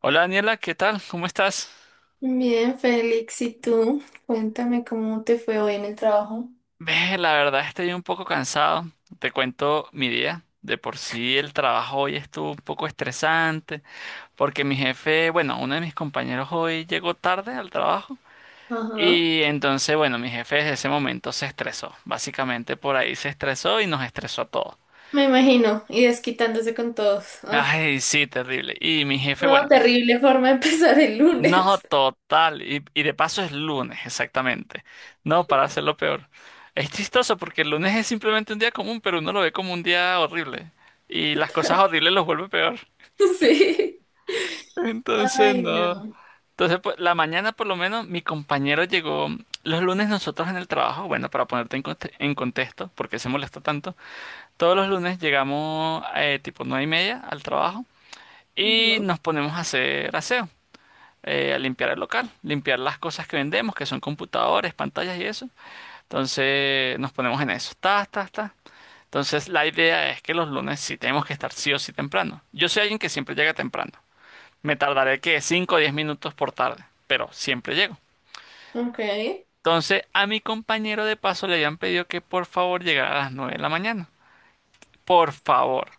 Hola Daniela, ¿qué tal? ¿Cómo estás? Bien, Félix, ¿y tú? Cuéntame cómo te fue hoy en el trabajo. Ve, la verdad estoy un poco cansado. Te cuento mi día. De por sí el trabajo hoy estuvo un poco estresante porque mi jefe, bueno, uno de mis compañeros hoy llegó tarde al trabajo Ajá. y entonces, bueno, mi jefe desde ese momento se estresó. Básicamente por ahí se estresó y nos estresó a todos. Me imagino, y desquitándose con todos. Ah, Ay, sí, terrible. Y mi jefe, bueno. no, terrible forma de empezar el No, lunes. total. Y de paso es lunes, exactamente. No, para hacerlo peor. Es chistoso porque el lunes es simplemente un día común, pero uno lo ve como un día horrible. Y las cosas Total. horribles los vuelve peor. Sí. Entonces, Ay, no. no. Entonces, pues, la mañana por lo menos mi compañero llegó. Los lunes nosotros en el trabajo, bueno, para ponerte en contexto, porque se molesta tanto, todos los lunes llegamos tipo 9:30 al trabajo y Ujú. nos ponemos a hacer aseo. A limpiar el local, limpiar las cosas que vendemos, que son computadores, pantallas y eso. Entonces nos ponemos en eso. Ta, ta, ta. Entonces la idea es que los lunes sí tenemos que estar sí o sí temprano. Yo soy alguien que siempre llega temprano. Me tardaré que 5 o 10 minutos por tarde, pero siempre llego. Ok. Entonces a mi compañero de paso le habían pedido que por favor llegara a las 9 de la mañana. Por favor.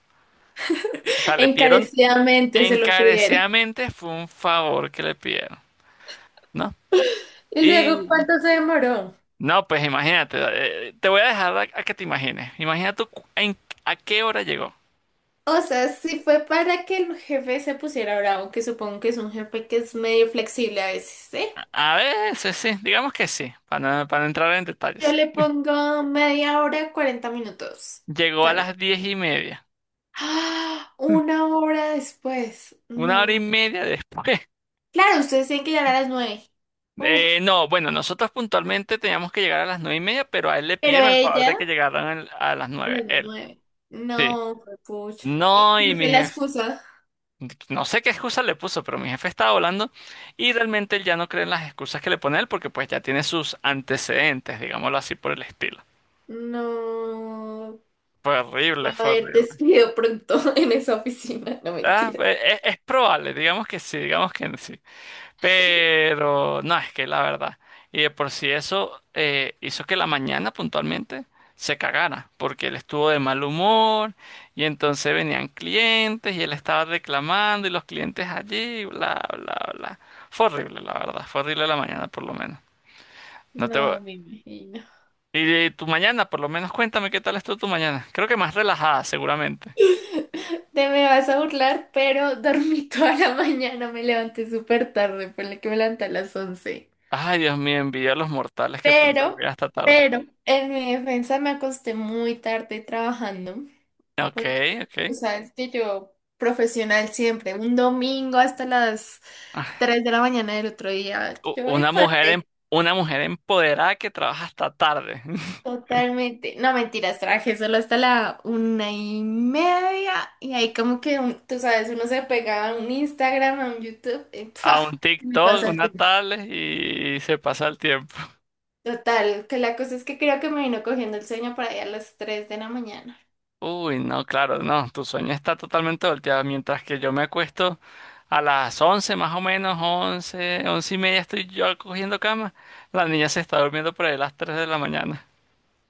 O sea, le pidieron Encarecidamente se lo pidieron. encarecidamente, fue un favor que le pidieron, ¿no? ¿Y luego Y cuánto se demoró? No, pues imagínate, te voy a dejar a que te imagines. Imagina tú a qué hora llegó. O sea, sí fue para que el jefe se pusiera bravo, que supongo que es un jefe que es medio flexible a veces, ¿sí? A veces sí, digamos que sí, para no entrar en Yo detalles. le pongo media hora, 40 minutos. Llegó a Tarde. las 10:30, ¡Ah! Una hora después. una hora y No. media después. Claro, ustedes tienen que llegar a las 9. Uf. No, bueno, nosotros puntualmente teníamos que llegar a las 9:30, pero a él le Pero pidieron el favor de ella, que llegaran a las a 9, las él. 9. Sí. No, pucha. ¿Y No, y cuál fue mi la jefe, excusa? no sé qué excusa le puso, pero mi jefe estaba volando y realmente él ya no cree en las excusas que le pone él porque pues ya tiene sus antecedentes, digámoslo así por el estilo. No. Fue Va horrible, a fue haber horrible. despido pronto en esa oficina. No, Ah, mentira. es, probable, digamos que sí, digamos que sí. Pero no, es que la verdad. Y de por sí eso hizo que la mañana puntualmente se cagara, porque él estuvo de mal humor y entonces venían clientes y él estaba reclamando y los clientes allí, bla, bla, bla. Fue horrible, la verdad. Fue horrible la mañana, por lo menos. No te voy- No, me imagino. Y, y tu mañana, por lo menos cuéntame qué tal estuvo tu mañana. Creo que más relajada, seguramente. Te me vas a burlar, pero dormí toda la mañana. Me levanté súper tarde. Por Fue que me levanté a las 11. Ay, Dios mío, envidia a los mortales que pueden Pero, dormir hasta tarde. pero, en mi defensa me acosté muy tarde trabajando, Ok, porque tú ok. sabes que yo, profesional siempre, un domingo hasta las Ah, tres de la mañana del otro día, u- yo ahí Una mujer, fuerte, em- una mujer empoderada que trabaja hasta tarde. totalmente. No, mentiras, trabajé solo hasta la 1:30, y ahí como que, tú sabes, uno se pegaba a un Instagram, a un YouTube, y A ¡pua! un Me TikTok, pasa el una tiempo. tablet y se pasa el tiempo. Total, que la cosa es que creo que me vino cogiendo el sueño para allá a las 3 de la mañana. Uy, no, claro, no. Tu sueño está totalmente volteado. Mientras que yo me acuesto a las 11, más o menos, 11, 11:30 estoy yo cogiendo cama. La niña se está durmiendo por ahí a las 3 de la mañana.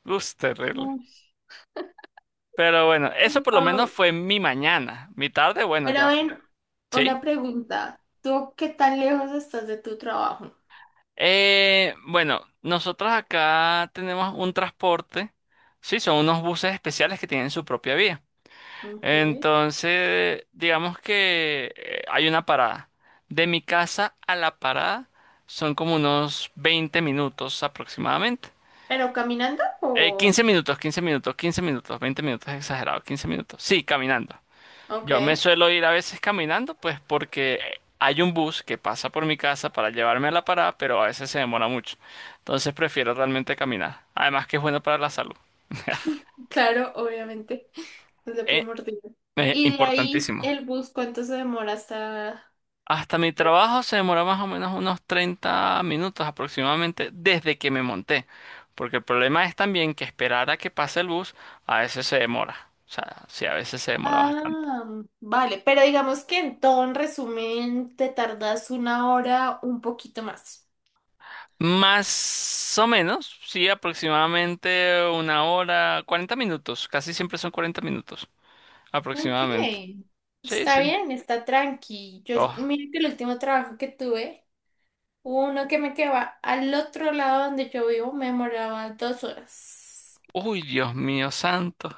Uf, terrible. No. Pero bueno, eso por lo menos Pero, fue mi mañana. Mi tarde, bueno, pero ya ven, sí. una pregunta. ¿Tú qué tan lejos estás de tu trabajo? Bueno, nosotros acá tenemos un transporte. Sí, son unos buses especiales que tienen su propia vía. Okay. Entonces, digamos que hay una parada. De mi casa a la parada son como unos 20 minutos aproximadamente. ¿Pero caminando o...? 15 minutos, 15 minutos, 15 minutos, 20 minutos, exagerado, 15 minutos. Sí, caminando. Ok, Yo me suelo ir a veces caminando, pues porque hay un bus que pasa por mi casa para llevarme a la parada, pero a veces se demora mucho. Entonces prefiero realmente caminar. Además que es bueno para la salud. claro, obviamente. Es lo Eh, primordial. Y de ahí Importantísimo. el bus, ¿cuánto se demora hasta...? Hasta mi trabajo se demora más o menos unos 30 minutos aproximadamente desde que me monté. Porque el problema es también que esperar a que pase el bus a veces se demora. O sea, sí, a veces se demora bastante. Ah, vale. Pero digamos que en todo, en resumen, te tardas una hora, un poquito más. Más o menos, sí, aproximadamente una hora, 40 minutos, casi siempre son 40 minutos, Ok. aproximadamente. Sí, Está sí. bien, está tranqui. Yo, Oh, mira que el último trabajo que tuve. Uno que me quedaba al otro lado donde yo vivo me demoraba 2 horas, uy, Dios mío santo.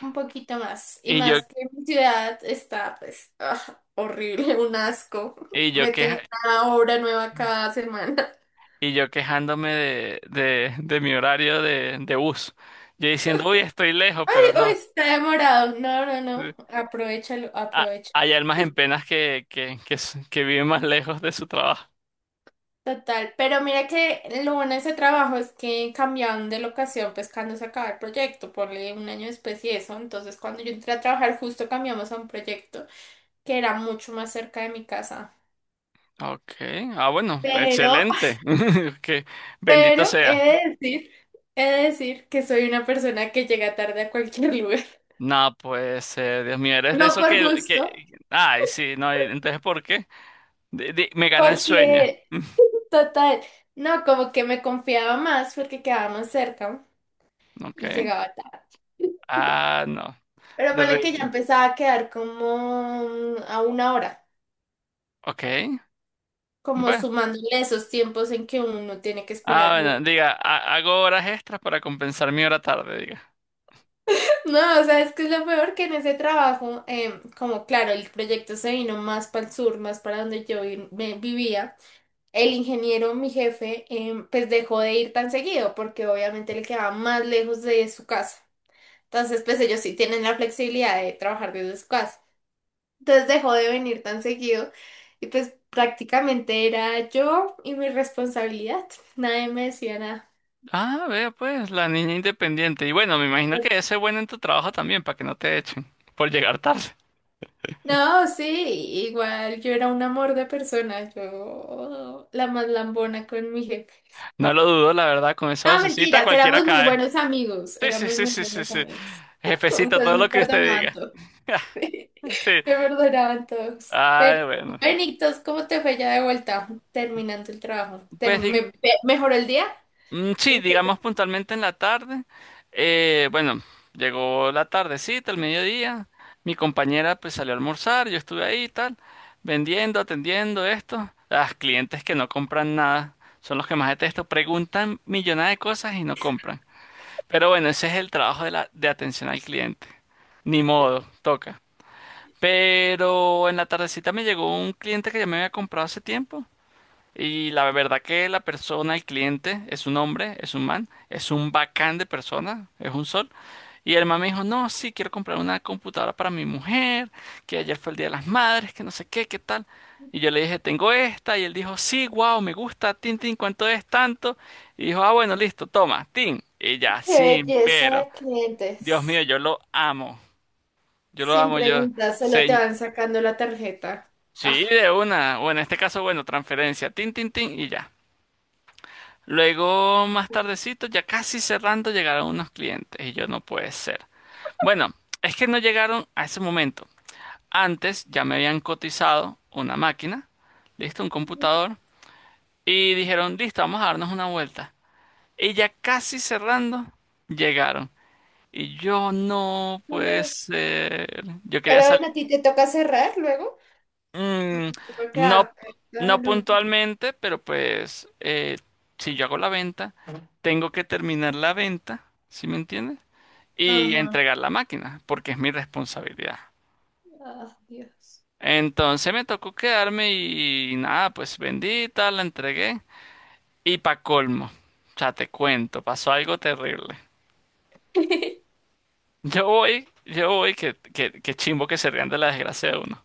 un poquito más. Y Y yo, más que mi ciudad está, pues, ah, horrible, un asco. y yo Meten queja- una obra nueva cada semana. y yo quejándome de mi horario de bus. Yo diciendo, uy, estoy lejos, Ay, pero uy, no. está demorado. No, no, Sí. no. Aprovechalo, Ah, aprovecha. hay almas en penas que viven más lejos de su trabajo. Total. Pero mira que lo bueno de ese trabajo es que cambiaron de locación, pues cuando se acaba el proyecto, ponle un año después y eso. Entonces, cuando yo entré a trabajar, justo cambiamos a un proyecto, que era mucho más cerca de mi casa. Ok, ah, bueno, Pero, excelente. Que bendito pero sea. He de decir que soy una persona que llega tarde a cualquier lugar. No, pues, Dios mío, eres de No eso por que, gusto, que... Ay, sí, no, y entonces, ¿por qué? Me gana el sueño. porque total, no, como que me confiaba más porque quedábamos cerca y Ok. llegaba tarde. Ah, no. Pero ponle que ya Terrible. empezaba a quedar como a una hora, Ok. como Bueno. sumándole esos tiempos en que uno tiene que esperar Ah, bus. bueno, diga, hago horas extras para compensar mi hora tarde, diga. No, o sea, es que es lo peor que en ese trabajo, como claro, el proyecto se vino más para el sur, más para donde yo me vivía, el ingeniero, mi jefe, pues dejó de ir tan seguido porque obviamente le quedaba más lejos de su casa. Entonces, pues ellos sí tienen la flexibilidad de trabajar desde su casa. Entonces dejó de venir tan seguido y pues prácticamente era yo y mi responsabilidad. Nadie me decía nada. Ah, vea pues, la niña independiente. Y bueno, me imagino que ese es bueno en tu trabajo también, para que no te echen por llegar tarde. No, sí, igual yo era un amor de persona, yo la más lambona con mi jefe. No lo dudo, la verdad, con esa No, vocecita mentiras, cualquiera éramos muy cae. buenos amigos, Sí, sí, éramos sí, muy sí, sí, buenos sí. amigos. Jefecita, Entonces todo me lo que usted perdonaban diga. todos, me Sí. perdonaban todos. Pero, Ay, bueno. Benitos, ¿cómo te fue ya de vuelta terminando el trabajo? Pues ¿Mejoró el día? Sí, El jefe. digamos puntualmente en la tarde. Bueno, llegó la tardecita, el mediodía. Mi compañera pues salió a almorzar, yo estuve ahí y tal, vendiendo, atendiendo esto. Las clientes que no compran nada son los que más detesto. Preguntan millonadas de cosas y no compran. Pero bueno, ese es el trabajo de atención al cliente. Ni modo, toca. Pero en la tardecita me llegó un cliente que ya me había comprado hace tiempo. Y la verdad que la persona, el cliente, es un hombre, es un man, es un bacán de persona, es un sol. Y el man me dijo, no, sí, quiero comprar una computadora para mi mujer, que ayer fue el Día de las Madres, que no sé qué, qué tal. Y yo le dije, tengo esta, y él dijo, sí, wow, me gusta, tin, tin, ¿cuánto es tanto? Y dijo, ah, bueno, listo, toma, tin. Y ya, Qué sí, belleza pero, de Dios mío, clientes. yo lo amo, yo lo Sin amo, yo, preguntas, solo te se- van sacando la tarjeta. Ah. sí, de una, o en este caso, bueno, transferencia, tin, tin, tin, y ya. Luego, más tardecito, ya casi cerrando, llegaron unos clientes y yo no puede ser. Bueno, es que no llegaron a ese momento. Antes ya me habían cotizado una máquina, listo, un computador, y dijeron, listo, vamos a darnos una vuelta. Y ya casi cerrando, llegaron. Y yo no puede ser. Yo quería Pero salir. bueno, a ti te toca cerrar luego. O Mm, Te toca no, quedarte ¿verdad? no El último. puntualmente, pero pues si yo hago la venta, tengo que terminar la venta, ¿sí me entiendes? Y Ajá. entregar la máquina, porque es mi responsabilidad. Ah, Dios. Entonces me tocó quedarme y, nada, pues bendita, la entregué. Y pa' colmo, o sea, te cuento, pasó algo terrible. Yo voy, que chimbo que se rían de la desgracia de uno.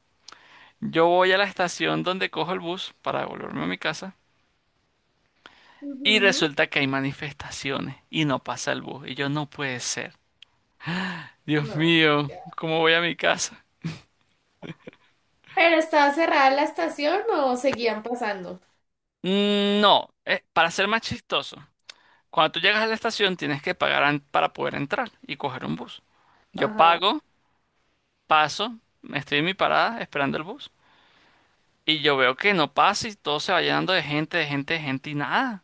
Yo voy a la estación donde cojo el bus para volverme a mi casa. Y Ujú. resulta que hay manifestaciones y no pasa el bus. Y yo no puede ser. Dios No, mío, ya. ¿cómo voy a mi casa? ¿Pero estaba cerrada la estación o seguían pasando? No, para ser más chistoso, cuando tú llegas a la estación tienes que pagar para poder entrar y coger un bus. Yo Ajá, pago, paso, me estoy en mi parada esperando el bus. Y yo veo que no pasa y todo se va llenando de gente, de gente, de gente y nada.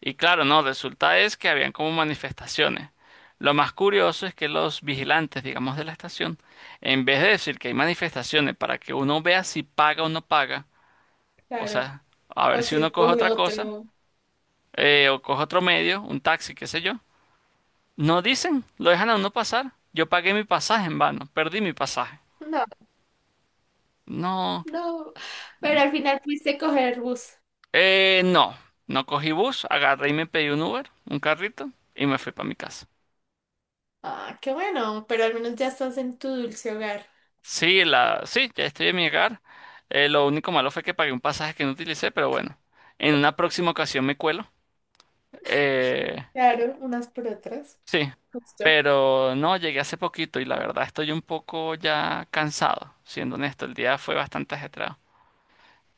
Y claro, no, resulta es que habían como manifestaciones. Lo más curioso es que los vigilantes, digamos, de la estación, en vez de decir que hay manifestaciones para que uno vea si paga o no paga, o claro. sea, a O ver si si uno coge escoge otra cosa, otro. O coge otro medio, un taxi, qué sé yo, no dicen, lo dejan a uno pasar. Yo pagué mi pasaje en vano, perdí mi pasaje. No, No, no. Pero al final pudiste coger bus. No, no cogí bus, agarré y me pedí un Uber, un carrito, y me fui para mi casa. Ah, qué bueno. Pero al menos ya estás en tu dulce hogar. Sí, sí, ya estoy en mi hogar. Lo único malo fue que pagué un pasaje que no utilicé, pero bueno, en una próxima ocasión me cuelo. Eh, Claro, unas por otras. sí, Justo. pero no, llegué hace poquito y la verdad estoy un poco ya cansado, siendo honesto, el día fue bastante ajetreado.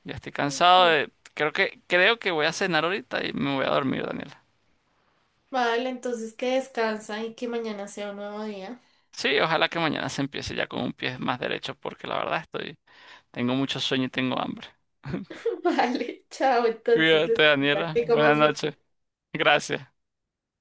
Ya estoy cansado Ok. de- creo que, creo que, voy a cenar ahorita y me voy a dormir, Daniela. Vale, entonces que descansa y que mañana sea un nuevo día. Sí, ojalá que mañana se empiece ya con un pie más derecho, porque la verdad tengo mucho sueño y tengo hambre. Vale, chao. Entonces, Cuídate, este, ya Daniela. que Buenas comas bien. noches. Gracias.